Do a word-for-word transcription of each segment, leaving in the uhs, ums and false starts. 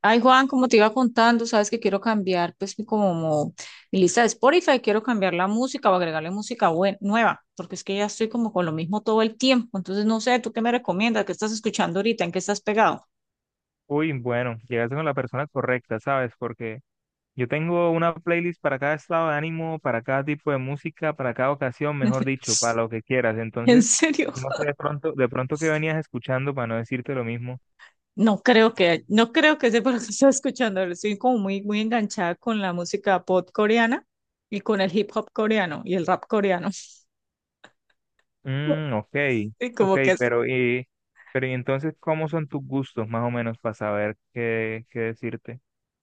Ay, Juan, como te iba contando, sabes que quiero cambiar, pues, mi- como mi lista de Spotify, quiero cambiar la música o agregarle música bue- nueva, porque es que ya estoy como con lo mismo todo el tiempo. Entonces, no sé, ¿tú qué me recomiendas? ¿Qué estás escuchando ahorita? ¿En qué estás pegado? Uy, bueno, llegaste con la persona correcta, ¿sabes? Porque yo tengo una playlist para cada estado de ánimo, para cada tipo de música, para cada ocasión, mejor dicho, para lo que quieras. En Entonces, serio, no sé de pronto, de pronto qué venías escuchando para no decirte lo mismo. no creo que, no creo que sepa lo que estás escuchando. Estoy como muy, muy enganchada con la música pop coreana y con el hip hop coreano y el rap coreano. Mm, ok, Y ok, como que pero y, pero y entonces, ¿cómo son tus gustos más o menos para saber qué, qué decirte?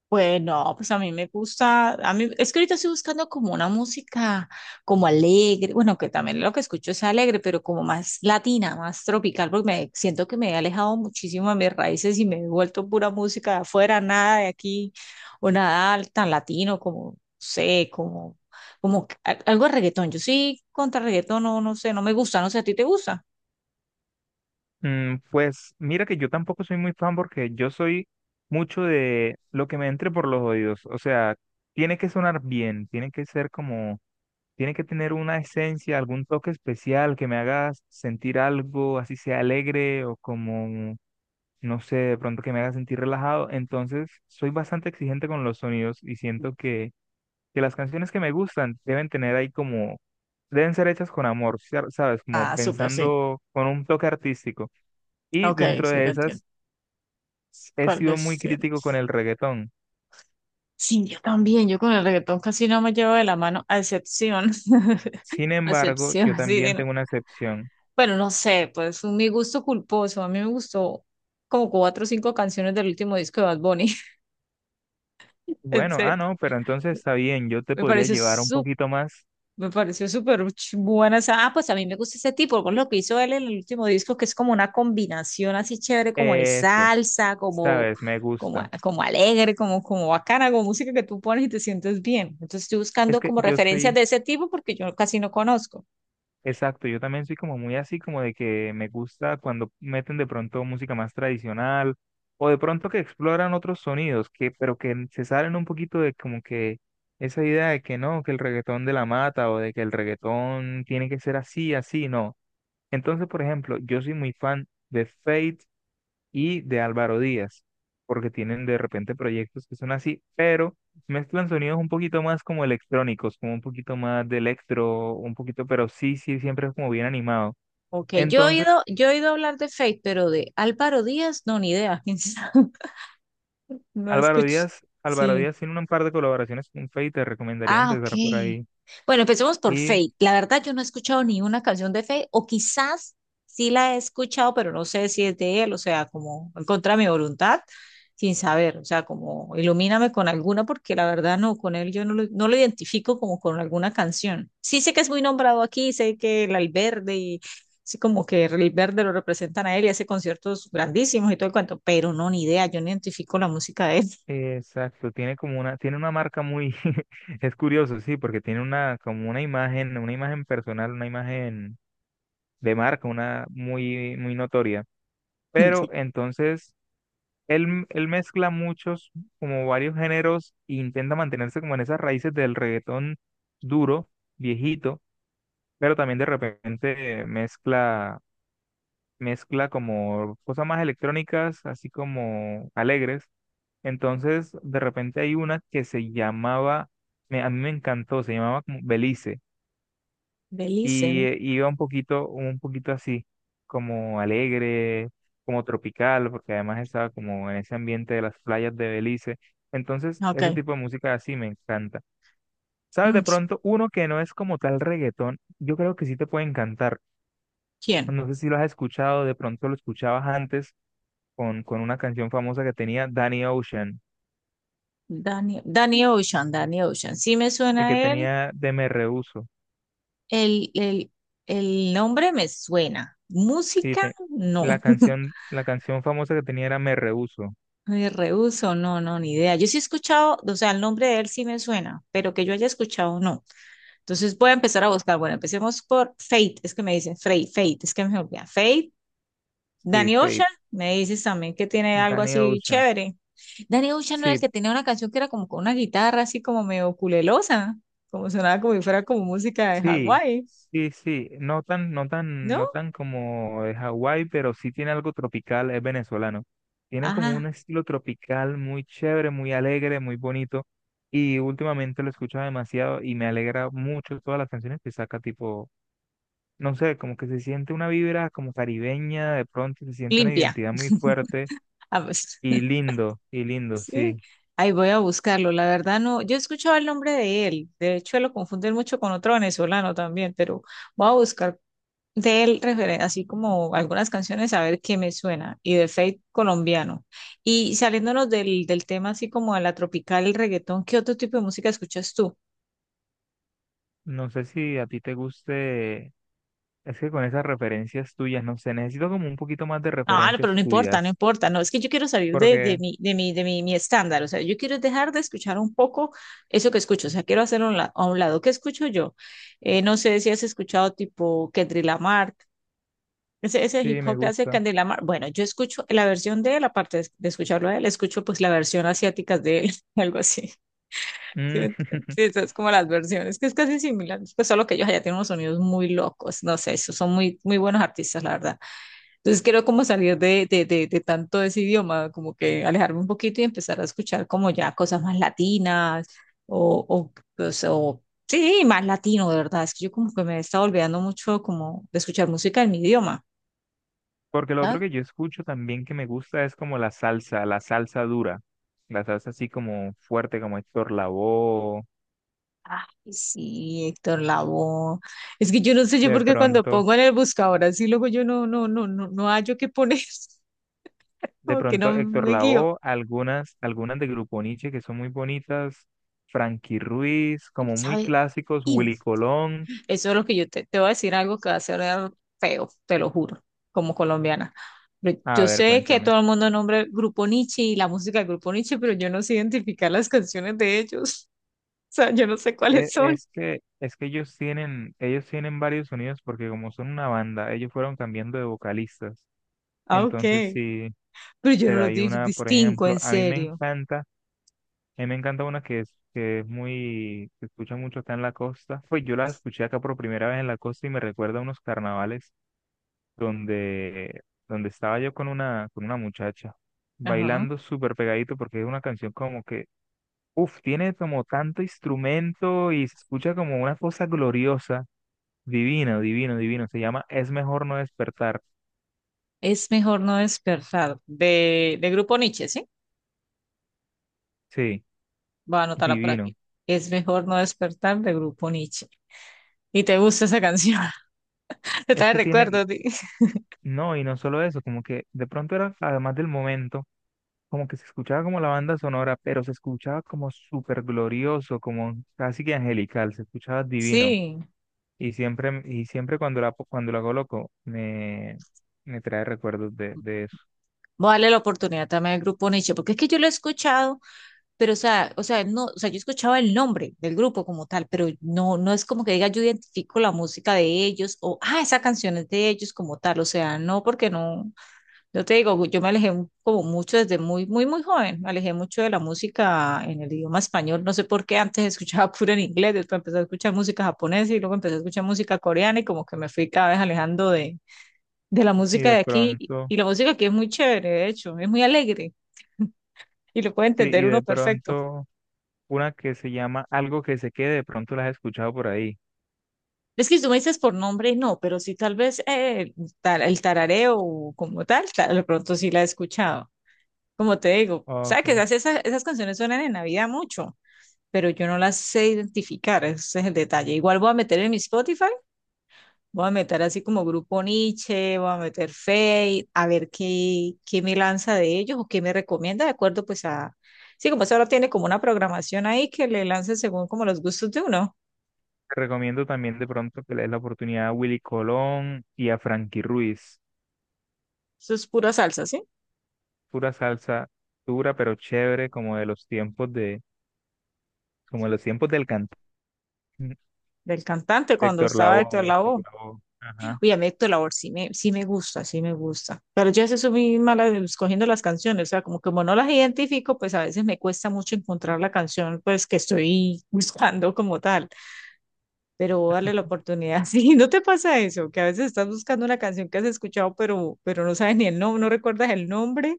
bueno, pues a mí me gusta, a mí es que ahorita estoy buscando como una música como alegre, bueno, que también lo que escucho es alegre, pero como más latina, más tropical, porque me siento que me he alejado muchísimo de mis raíces y me he vuelto pura música de afuera, nada de aquí o nada tan latino como, no sé, como como que- a- algo de reggaetón. Yo sí contra reggaetón no no sé, no me gusta, no sé, ¿a ti te gusta? Mm, pues mira que yo tampoco soy muy fan porque yo soy mucho de lo que me entre por los oídos. O sea, tiene que sonar bien, tiene que ser como, tiene que tener una esencia, algún toque especial que me haga sentir algo, así sea alegre o como, no sé, de pronto que me haga sentir relajado. Entonces, soy bastante exigente con los sonidos y siento que, que las canciones que me gustan deben tener ahí como, deben ser hechas con amor, ¿sabes? Como Ah, súper, sí. pensando con un toque artístico. Y Ok, dentro sí de te entiendo. esas, s- he ¿Cuál sido muy es? crítico con el reggaetón. Sí, yo también, yo con el reggaetón casi no me llevo de la mano, a excepción, Sin a embargo, yo excepción, sí, sí, también no. tengo una excepción. Bueno, no sé, pues un mi gusto culposo, a mí me gustó como cuatro o cinco canciones del último disco de Bad Bunny, en Bueno, ah, serio, no, pero entonces está bien, yo te me podría pareció llevar un poquito más me pareció súper ch- buena esa. Ah, pues a mí me gusta ese tipo, por lo que hizo él en el último disco, que es como una combinación así chévere, como de eso, salsa, como, ¿sabes? Me como, gusta. a- como alegre, como, como bacana, como música que tú pones y te sientes bien. Entonces estoy Es buscando que como yo referencias soy de ese tipo porque yo casi no conozco. Exacto, yo también soy como muy así, como de que me gusta cuando meten de pronto música más tradicional o de pronto que exploran otros sonidos, que, pero que se salen un poquito de como que esa idea de que no, que el reggaetón de la mata o de que el reggaetón tiene que ser así, así, no. Entonces, por ejemplo, yo soy muy fan de Fate y de Álvaro Díaz, porque tienen de repente proyectos que son así, pero mezclan sonidos un poquito más como electrónicos, como un poquito más de electro, un poquito, pero sí, sí, siempre es como bien animado. Ok, yo he Entonces, oído, yo he oído hablar de Fate, pero de Álvaro Díaz, no, ni idea. ¿Quién sabe? No Álvaro escuché. Díaz, Álvaro Sí, Díaz tiene un par de colaboraciones con Feid, te recomendaría ah, ok. empezar por ahí. Bueno, empecemos por Y Fate. La verdad, yo no he escuchado ni una canción de Fate, o quizás sí la he escuchado, pero no sé si es de él, o sea, como en contra de mi voluntad, sin saber, o sea, como ilumíname con alguna, porque la verdad no, con él yo no lo, no lo identifico como con alguna canción. Sí sé que es muy nombrado aquí, sé que el Alberde y sí como que el Verde lo representan a él y hace conciertos grandísimos y todo el cuento, pero no, ni idea, yo no identifico la música de él. eh, exacto, tiene como una, tiene una marca muy, es curioso, sí, porque tiene una, como una imagen, una imagen personal, una imagen de marca, una muy, muy notoria. Pero entonces Él, él mezcla muchos, como varios géneros, e intenta mantenerse como en esas raíces del reggaetón duro, viejito, pero también de repente mezcla, mezcla como cosas más electrónicas, así como alegres. Entonces, de repente hay una que se llamaba, me- a mí me encantó, se llamaba como Belice De Listen. y eh, iba un poquito, un poquito así, como alegre, como tropical, porque además estaba como en ese ambiente de las playas de Belice. Entonces, Ok. ese tipo de música así me encanta. ¿Sabes? Mm, De pronto, uno que no es como tal reggaetón, yo creo que sí te puede encantar. ¿quién? No sé si lo has escuchado, de pronto lo escuchabas antes con, con una canción famosa que tenía Danny Ocean, Danny, Danny Ocean, Danny Ocean. Sí me el que suena él. tenía de Me Rehuso. El, el, el nombre me suena. Sí, Música, te- la no. canción, la canción famosa que tenía era Me Rehuso. Me rehúso, no, no, ni idea. Yo sí he escuchado, o sea, el nombre de él sí me suena, pero que yo haya escuchado, no. Entonces voy a empezar a buscar. Bueno, empecemos por Fate, es que me dicen Fate, Fate, es que me olvida. Fate, Sí, Danny Ocean, Fate, me dices también que tiene algo Danny así Ocean. chévere. Danny Ocean no era el Sí, que tenía una canción que era como con una guitarra así como medio culelosa, como sonaba como si fuera como música de sí, Hawái. sí, sí. No tan, no tan, ¿No? no tan como de Hawái, pero sí tiene algo tropical, es venezolano. Tiene como un Ajá, estilo tropical muy chévere, muy alegre, muy bonito. Y últimamente lo he escuchado demasiado y me alegra mucho todas las canciones que saca, tipo, no sé, como que se siente una vibra como caribeña, de pronto se siente una limpia. identidad muy fuerte Ah, pues, y lindo, y lindo, sí. sí. Ahí voy a buscarlo. La verdad no, yo he escuchado el nombre de él. De hecho, lo confunden mucho con otro venezolano también, pero voy a buscar de él referen- así como algunas canciones a ver qué me suena. Y de Fate colombiano. Y saliéndonos del, del tema así como a la tropical, el reggaetón, ¿qué otro tipo de música escuchas tú? No sé si a ti te guste. Es que con esas referencias tuyas, no sé, necesito como un poquito más de Ah, no, pero no referencias importa, no tuyas, importa, no, es que yo quiero salir de, de porque mi, de mi, de mi, mi estándar, o sea, yo quiero dejar de escuchar un poco eso que escucho, o sea, quiero hacer un la- a un lado, ¿qué escucho yo? Eh, no sé si has escuchado tipo Kendrick Lamar, ese, ese hip sí, me hop que hace gusta. Kendrick Lamar, bueno, yo escucho la versión de él, aparte de, de escucharlo a él, escucho pues la versión asiática de él, algo así, ¿sí me Mm, entiendes? Sí, esas como las versiones, que es casi similar, pues solo que ellos allá tienen unos sonidos muy locos, no sé, esos son muy, muy buenos artistas, la verdad. Entonces quiero como salir de, de, de, de tanto ese idioma, como que alejarme un poquito y empezar a escuchar como ya cosas más latinas o, o, pues, o- sí, más latino, de verdad. Es que yo como que me he estado olvidando mucho como de escuchar música en mi idioma. Porque lo otro ¿Sabes? que yo escucho también que me gusta es como la salsa, la salsa dura, la salsa así como fuerte, como Héctor Lavoe, Ay, sí, Héctor Lavoe. Es que yo no sé yo de porque cuando pronto, pongo en el buscador así luego yo no, no, no, no, no hallo qué poner, de como que pronto no Héctor me guío. Lavoe, algunas, algunas de Grupo Niche que son muy bonitas, Frankie Ruiz, como muy ¿Sabe? clásicos, Willy Colón. Eso es lo que yo te, te voy a decir algo que va a ser feo, te lo juro, como colombiana. Pero A yo ver, sé que cuéntame. todo el mundo nombra el Grupo Niche y la música del Grupo Niche, pero yo no sé identificar las canciones de ellos. O sea, yo no sé cuáles E- son. Es que, es que ellos tienen, ellos tienen varios sonidos porque como son una banda, ellos fueron cambiando de vocalistas. Ah, ok. Entonces sí, Pero yo no pero los hay dis- una, por distingo, ejemplo, en a mí me serio. encanta, a mí me encanta una que es, que es muy, se escucha mucho acá en la costa. Pues yo la escuché acá por primera vez en la costa y me recuerda a unos carnavales donde, donde estaba yo con una, con una muchacha, Ajá. bailando súper pegadito porque es una canción como que, uff, tiene como tanto instrumento y se escucha como una cosa gloriosa. Divino, divino, divino. Se llama Es mejor no despertar. Es mejor no despertar de, de Grupo Niche, ¿sí? Sí, Voy a anotarla por divino. aquí. Es mejor no despertar de Grupo Niche. Y te gusta esa canción. Te Es trae que tiene, recuerdos. Di- no, y no solo eso, como que de pronto era, además del momento, como que se escuchaba como la banda sonora, pero se escuchaba como súper glorioso, como casi que angelical, se escuchaba divino. Sí. Y siempre, y siempre cuando la, cuando la coloco, me, me trae recuerdos de, de eso. Voy a darle la oportunidad también al grupo Nietzsche, porque es que yo lo he escuchado, pero o sea, o sea, no, o sea, yo escuchaba el nombre del grupo como tal, pero no, no es como que diga yo identifico la música de ellos o, ah, esa canción es de ellos como tal, o sea, no, porque no, yo te digo, yo me alejé mu- como mucho desde muy, muy, muy joven, me alejé mucho de la música en el idioma español, no sé por qué antes escuchaba puro en inglés, después empecé a escuchar música japonesa y luego empecé a escuchar música coreana y como que me fui cada vez alejando de de la Y música de de aquí y pronto, y la música aquí es muy chévere, de hecho, es muy alegre y lo puede sí, y entender uno de perfecto. pronto, una que se llama Algo que se quede, de pronto la has escuchado por ahí. Es que si tú me dices por nombre, no, pero sí tal vez eh, tar- el tarareo como tal, tal, de pronto sí la he escuchado. Como te digo, sabes que Ok. esas, esas, esas canciones suenan en Navidad mucho, pero yo no las sé identificar, ese es el detalle. Igual voy a meter en mi Spotify. Voy a meter así como grupo Nietzsche, voy a meter fade, a ver qué, qué me lanza de ellos o qué me recomienda, de acuerdo pues a... Sí, como eso ahora tiene como una programación ahí que le lance según como los gustos de uno. Te recomiendo también de pronto que le des la oportunidad a Willy Colón y a Frankie Ruiz. Eso es pura salsa, ¿sí? Pura salsa dura pero chévere, como de los tiempos de, como de los tiempos del cantante. Del cantante cuando Héctor estaba Héctor Lavoe, Héctor Lavoe. Lavoe. Ajá. Oye, a mí Héctor Lavoe sí me, sí me gusta, sí me gusta. Pero yo a veces soy muy mala escogiendo las canciones, o sea, como, como no las identifico, pues a veces me cuesta mucho encontrar la canción pues que estoy buscando como tal. Pero darle la oportunidad. Sí, ¿no te pasa eso? Que a veces estás buscando una canción que has escuchado, pero, pero no sabes ni el nombre, no recuerdas el nombre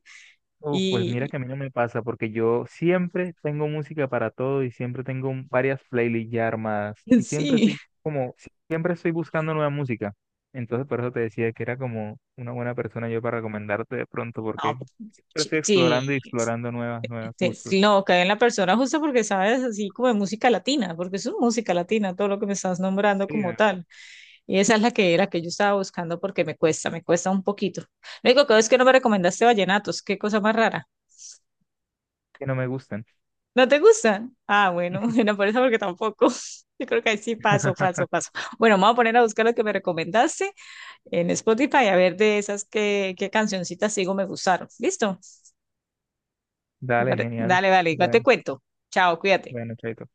Uf, pues mira y que a mí no me pasa porque yo siempre tengo música para todo y siempre tengo un- varias playlists ya armadas y siempre sí, estoy como, siempre estoy buscando nueva música. Entonces por eso te decía que era como una buena persona yo para recomendarte de pronto no, porque siempre ch- estoy sí, explorando y explorando nuevas, nuevos sí, sí, gustos. no, cae en la persona justo porque sabes así como de música latina, porque es una música latina, todo lo que me estás nombrando Sí, como la tal. Y esa es la que era que yo estaba buscando porque me cuesta, me cuesta un poquito. Lo único que es que no me recomendaste vallenatos, qué cosa más rara. que no me gustan. ¿No te gustan? Ah, bueno, no por eso porque tampoco. Yo creo que ahí sí paso, paso, paso. Bueno, me voy a poner a buscar lo que me recomendaste en Spotify a ver de esas que, qué qué cancioncitas sigo me gustaron. ¿Listo? ¿Te Dale, pare- genial. Dale, dale, igual te Bueno, cuento. Chao, cuídate. bueno, chaito.